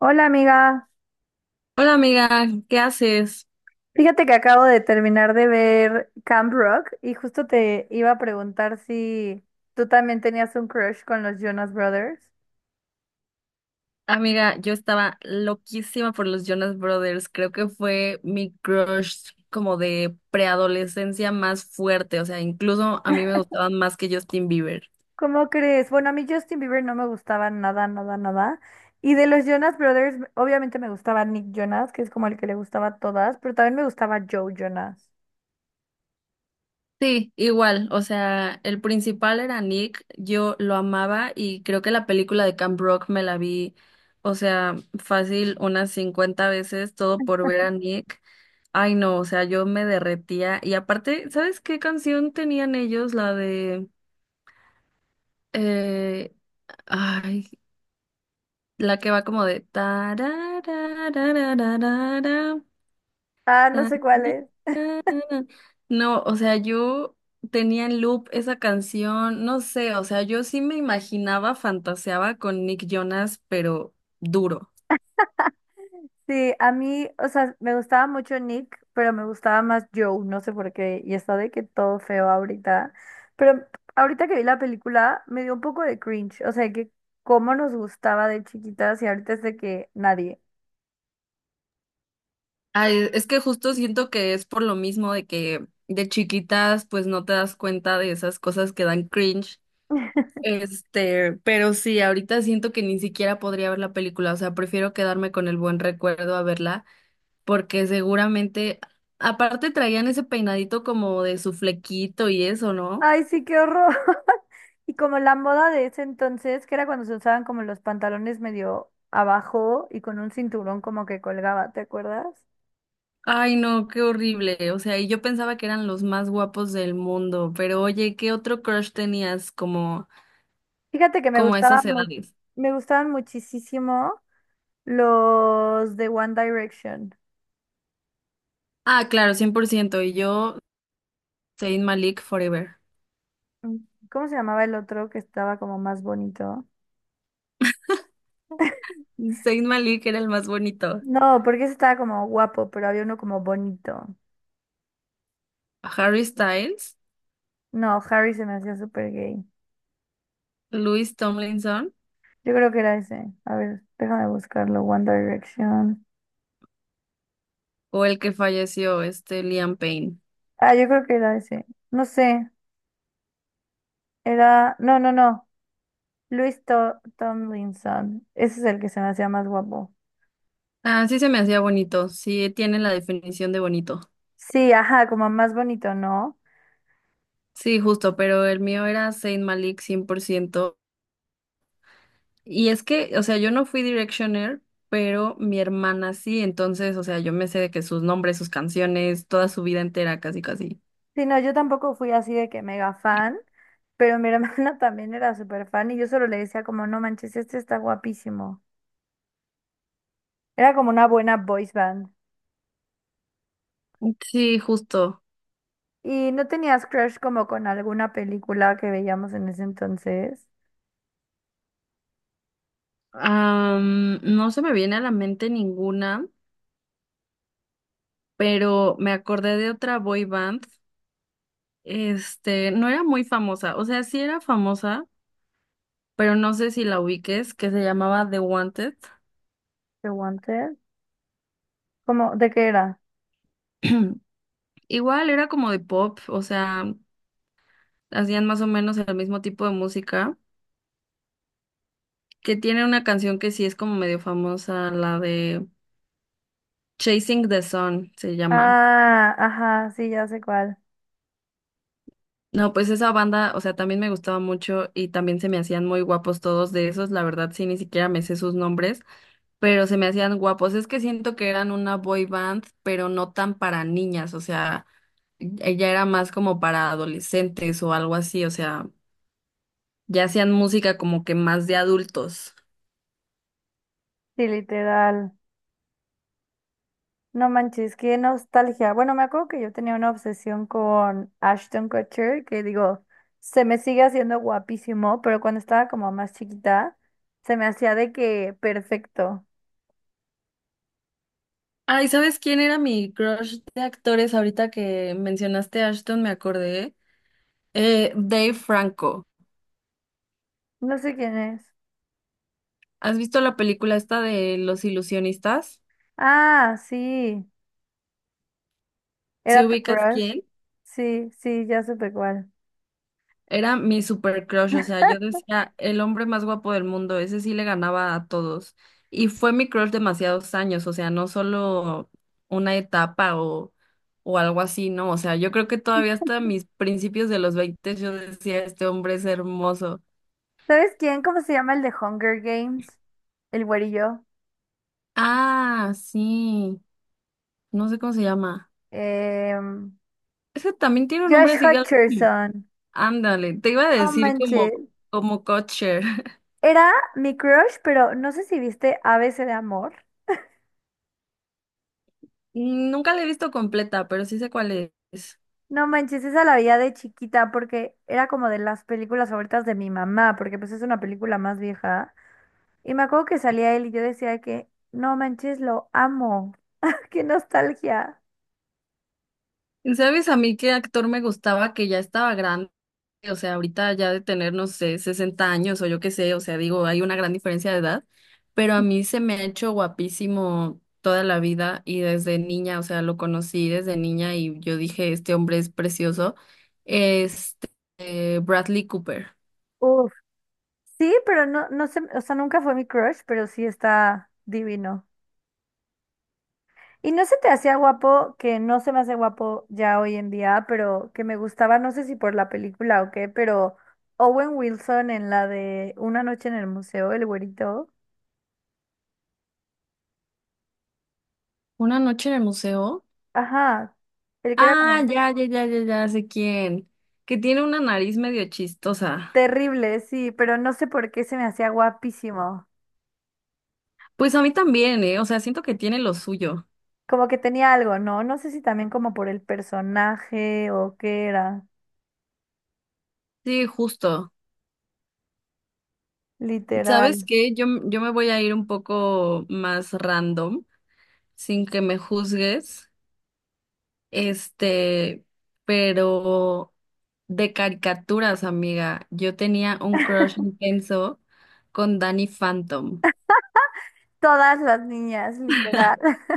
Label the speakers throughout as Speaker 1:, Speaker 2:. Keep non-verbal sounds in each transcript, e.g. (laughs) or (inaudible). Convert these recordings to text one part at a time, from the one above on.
Speaker 1: Hola amiga,
Speaker 2: Hola amiga, ¿qué haces?
Speaker 1: fíjate que acabo de terminar de ver Camp Rock y justo te iba a preguntar si tú también tenías un crush con los Jonas Brothers.
Speaker 2: Amiga, yo estaba loquísima por los Jonas Brothers. Creo que fue mi crush como de preadolescencia más fuerte. O sea, incluso a mí me gustaban más que Justin Bieber.
Speaker 1: ¿Cómo crees? Bueno, a mí Justin Bieber no me gustaba nada, nada, nada. Y de los Jonas Brothers, obviamente me gustaba Nick Jonas, que es como el que le gustaba a todas, pero también me gustaba Joe Jonas.
Speaker 2: Sí, igual. O sea, el principal era Nick. Yo lo amaba y creo que la película de Camp Rock me la vi, o sea, fácil unas 50 veces, todo por ver a Nick. Ay, no, o sea, yo me derretía. Y aparte, ¿sabes qué canción tenían ellos? La de... Eh, ay, la que va como de tararararararara,
Speaker 1: Ah, no sé
Speaker 2: tararara.
Speaker 1: cuál es.
Speaker 2: No, o sea, yo tenía en loop esa canción, no sé, o sea, yo sí me imaginaba, fantaseaba con Nick Jonas, pero duro.
Speaker 1: Sí, a mí, o sea, me gustaba mucho Nick, pero me gustaba más Joe, no sé por qué, y está de que todo feo ahorita. Pero ahorita que vi la película, me dio un poco de cringe, o sea, que cómo nos gustaba de chiquitas y ahorita es de que nadie.
Speaker 2: Ay, es que justo siento que es por lo mismo de que de chiquitas, pues no te das cuenta de esas cosas que dan cringe. Pero sí, ahorita siento que ni siquiera podría ver la película, o sea, prefiero quedarme con el buen recuerdo a verla, porque seguramente, aparte traían ese peinadito como de su flequito y eso, ¿no?
Speaker 1: Ay, sí, qué horror. (laughs) Y como la moda de ese entonces, que era cuando se usaban como los pantalones medio abajo y con un cinturón como que colgaba, ¿te acuerdas?
Speaker 2: Ay, no, qué horrible, o sea, y yo pensaba que eran los más guapos del mundo, pero oye, ¿qué otro crush tenías como,
Speaker 1: Fíjate que
Speaker 2: como a esas edades?
Speaker 1: me gustaban muchísimo. Los de One Direction.
Speaker 2: Ah, claro, 100%, y yo, Zayn Malik Forever.
Speaker 1: Mm, ¿cómo se llamaba el otro que estaba como más bonito?
Speaker 2: Zayn Malik era el más bonito.
Speaker 1: No, porque ese estaba como guapo, pero había uno como bonito.
Speaker 2: Harry Styles,
Speaker 1: No, Harry se me hacía súper gay.
Speaker 2: Louis Tomlinson.
Speaker 1: Yo creo que era ese. A ver, déjame buscarlo. One Direction.
Speaker 2: O el que falleció, este Liam Payne.
Speaker 1: Ah, yo creo que era ese. No sé. Era. No, no, no. Luis Tomlinson. Ese es el que se me hacía más guapo.
Speaker 2: Ah, sí se me hacía bonito, sí tiene la definición de bonito.
Speaker 1: Sí, ajá, como más bonito, ¿no?
Speaker 2: Sí, justo, pero el mío era Saint Malik 100%. Y es que, o sea, yo no fui Directioner, pero mi hermana sí, entonces, o sea, yo me sé de que sus nombres, sus canciones, toda su vida entera, casi, casi.
Speaker 1: Sí, no, yo tampoco fui así de que mega fan, pero mi hermana (laughs) también era súper fan y yo solo le decía como, no manches, este está guapísimo. Era como una buena boys band.
Speaker 2: Sí, justo.
Speaker 1: ¿Y no tenías crush como con alguna película que veíamos en ese entonces?
Speaker 2: No se me viene a la mente ninguna, pero me acordé de otra boy band. No era muy famosa, o sea, sí era famosa, pero no sé si la ubiques, que se llamaba The Wanted.
Speaker 1: The Wanted. ¿Cómo? ¿De qué era?
Speaker 2: (clears throat) Igual era como de pop, o sea, hacían más o menos el mismo tipo de música, que tiene una canción que sí es como medio famosa, la de Chasing the Sun se llama.
Speaker 1: Ah, ajá, sí, ya sé cuál.
Speaker 2: No, pues esa banda, o sea, también me gustaba mucho y también se me hacían muy guapos todos de esos, la verdad sí, ni siquiera me sé sus nombres, pero se me hacían guapos. Es que siento que eran una boy band, pero no tan para niñas, o sea, ella era más como para adolescentes o algo así, o sea, ya hacían música como que más de adultos.
Speaker 1: Sí, literal. No manches, qué nostalgia. Bueno, me acuerdo que yo tenía una obsesión con Ashton Kutcher, que digo, se me sigue haciendo guapísimo, pero cuando estaba como más chiquita, se me hacía de que perfecto.
Speaker 2: Ay, ¿sabes quién era mi crush de actores? Ahorita que mencionaste a Ashton, me acordé. Dave Franco.
Speaker 1: No sé quién es.
Speaker 2: ¿Has visto la película esta de Los Ilusionistas?
Speaker 1: Ah, sí,
Speaker 2: ¿Si
Speaker 1: era tu
Speaker 2: ubicas
Speaker 1: crush.
Speaker 2: quién?
Speaker 1: Sí, sí, ya supe cuál.
Speaker 2: Era mi super crush, o sea, yo decía, el hombre más guapo del mundo, ese sí le ganaba a todos. Y fue mi crush demasiados años, o sea, no solo una etapa o algo así, ¿no? O sea, yo creo que todavía hasta mis principios de los 20 yo decía, este hombre es hermoso.
Speaker 1: ¿Sabes quién? ¿Cómo se llama el de Hunger Games? El güerillo.
Speaker 2: Ah, sí, no sé cómo se llama.
Speaker 1: Em,
Speaker 2: Ese también tiene un
Speaker 1: Josh
Speaker 2: nombre así, algo como-
Speaker 1: Hutcherson.
Speaker 2: ándale, te iba a
Speaker 1: No
Speaker 2: decir como,
Speaker 1: manches.
Speaker 2: como Kutcher. (laughs)
Speaker 1: Era mi crush, pero no sé si viste ABC de Amor.
Speaker 2: Nunca la he visto completa, pero sí sé cuál es.
Speaker 1: No manches, esa la veía de chiquita porque era como de las películas favoritas de mi mamá, porque pues es una película más vieja. Y me acuerdo que salía él y yo decía que, no manches, lo amo. (laughs) ¡Qué nostalgia!
Speaker 2: ¿Sabes a mí qué actor me gustaba que ya estaba grande? O sea, ahorita ya de tener, no sé, 60 años o yo qué sé, o sea, digo, hay una gran diferencia de edad, pero a mí se me ha hecho guapísimo toda la vida y desde niña, o sea, lo conocí desde niña y yo dije, este hombre es precioso. Este, Bradley Cooper.
Speaker 1: Uf. Sí, pero no, no sé, o sea, nunca fue mi crush, pero sí está divino. Y no se te hacía guapo, que no se me hace guapo ya hoy en día, pero que me gustaba, no sé si por la película o qué, pero Owen Wilson en la de Una noche en el museo, el güerito.
Speaker 2: Una noche en el museo.
Speaker 1: Ajá. El que era
Speaker 2: Ah,
Speaker 1: como
Speaker 2: ya, ya, ya, ya, ya sé quién. Que tiene una nariz medio chistosa.
Speaker 1: terrible, sí, pero no sé por qué se me hacía guapísimo.
Speaker 2: Pues a mí también, ¿eh? O sea, siento que tiene lo suyo.
Speaker 1: Como que tenía algo, ¿no? No sé si también como por el personaje o qué era.
Speaker 2: Sí, justo. ¿Sabes
Speaker 1: Literal.
Speaker 2: qué? Yo me voy a ir un poco más random, sin que me juzgues, este, pero de caricaturas, amiga. Yo tenía un crush intenso con Danny Phantom.
Speaker 1: Todas las niñas, literal. (laughs)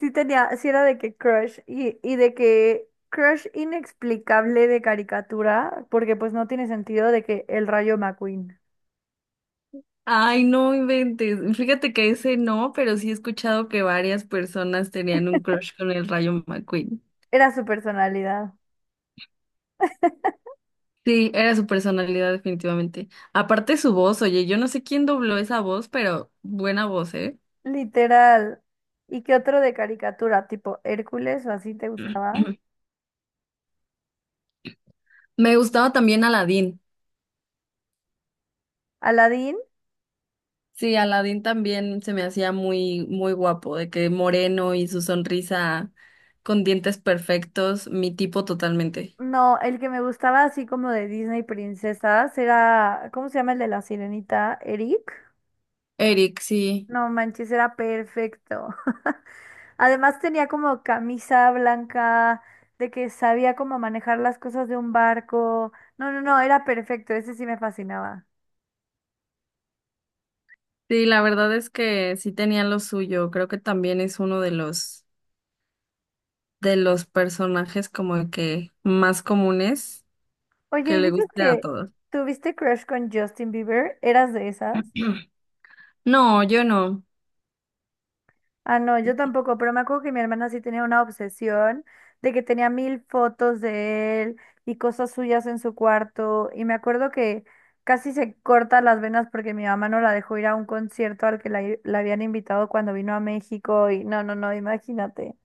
Speaker 1: Sí tenía, sí era de que crush y, de que crush inexplicable de caricatura, porque pues no tiene sentido de que el Rayo McQueen
Speaker 2: Ay, no inventes. Fíjate que ese no, pero sí he escuchado que varias personas tenían un crush con el Rayo McQueen.
Speaker 1: era su personalidad.
Speaker 2: Sí, era su personalidad definitivamente. Aparte su voz, oye, yo no sé quién dobló esa voz, pero buena voz, ¿eh?
Speaker 1: Literal. ¿Y qué otro de caricatura? ¿Tipo Hércules o así te gustaba?
Speaker 2: Me gustaba también Aladín.
Speaker 1: Aladín.
Speaker 2: Sí, Aladín también se me hacía muy, muy guapo, de que moreno y su sonrisa con dientes perfectos, mi tipo totalmente.
Speaker 1: No, el que me gustaba así como de Disney princesas era, ¿cómo se llama el de la sirenita? Eric.
Speaker 2: Eric, sí.
Speaker 1: No manches, era perfecto. (laughs) Además tenía como camisa blanca, de que sabía cómo manejar las cosas de un barco. No, no, no, era perfecto, ese sí me fascinaba.
Speaker 2: Sí, la verdad es que sí tenía lo suyo. Creo que también es uno de los personajes como que más comunes
Speaker 1: Oye,
Speaker 2: que
Speaker 1: y
Speaker 2: le
Speaker 1: dices
Speaker 2: guste a
Speaker 1: que
Speaker 2: todos.
Speaker 1: tuviste crush con Justin Bieber, ¿eras de esas?
Speaker 2: (clears throat) No, yo no.
Speaker 1: Ah, no, yo tampoco, pero me acuerdo que mi hermana sí tenía una obsesión de que tenía 1,000 fotos de él y cosas suyas en su cuarto. Y me acuerdo que casi se corta las venas porque mi mamá no la dejó ir a un concierto al que la habían invitado cuando vino a México. Y no, no, no, imagínate.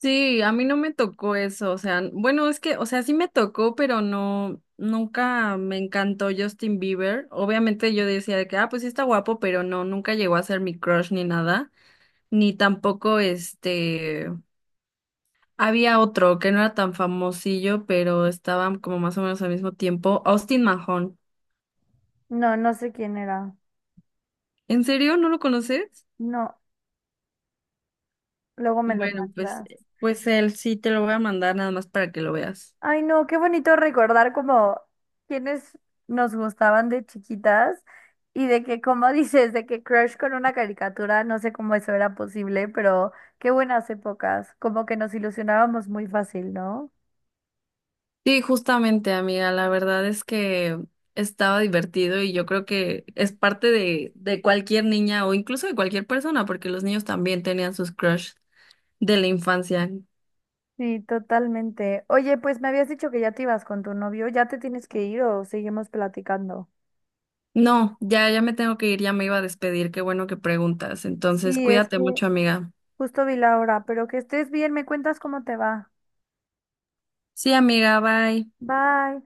Speaker 2: Sí, a mí no me tocó eso, o sea, bueno, es que, o sea, sí me tocó, pero no, nunca me encantó Justin Bieber. Obviamente yo decía de que, ah, pues sí está guapo, pero no, nunca llegó a ser mi crush ni nada, ni tampoco había otro que no era tan famosillo, pero estaban como más o menos al mismo tiempo, Austin Mahone.
Speaker 1: No, no sé quién era.
Speaker 2: ¿En serio? ¿No lo conoces?
Speaker 1: No, luego me lo
Speaker 2: Bueno, pues,
Speaker 1: mandas.
Speaker 2: pues él sí te lo voy a mandar nada más para que lo veas.
Speaker 1: Ay, no, qué bonito recordar como quienes nos gustaban de chiquitas y de que, como (laughs) dices, de que crush con una caricatura, no sé cómo eso era posible, pero qué buenas épocas, como que nos ilusionábamos muy fácil, ¿no?
Speaker 2: Sí, justamente, amiga, la verdad es que estaba divertido y yo creo que es parte de cualquier niña o incluso de cualquier persona, porque los niños también tenían sus crush de la infancia.
Speaker 1: Sí, totalmente. Oye, pues me habías dicho que ya te ibas con tu novio, ¿ya te tienes que ir o seguimos platicando?
Speaker 2: No, ya, ya me tengo que ir, ya me iba a despedir, qué bueno que preguntas. Entonces,
Speaker 1: Sí, es
Speaker 2: cuídate
Speaker 1: que
Speaker 2: mucho, amiga.
Speaker 1: justo vi la hora, pero que estés bien, me cuentas cómo te va.
Speaker 2: Sí, amiga, bye.
Speaker 1: Bye.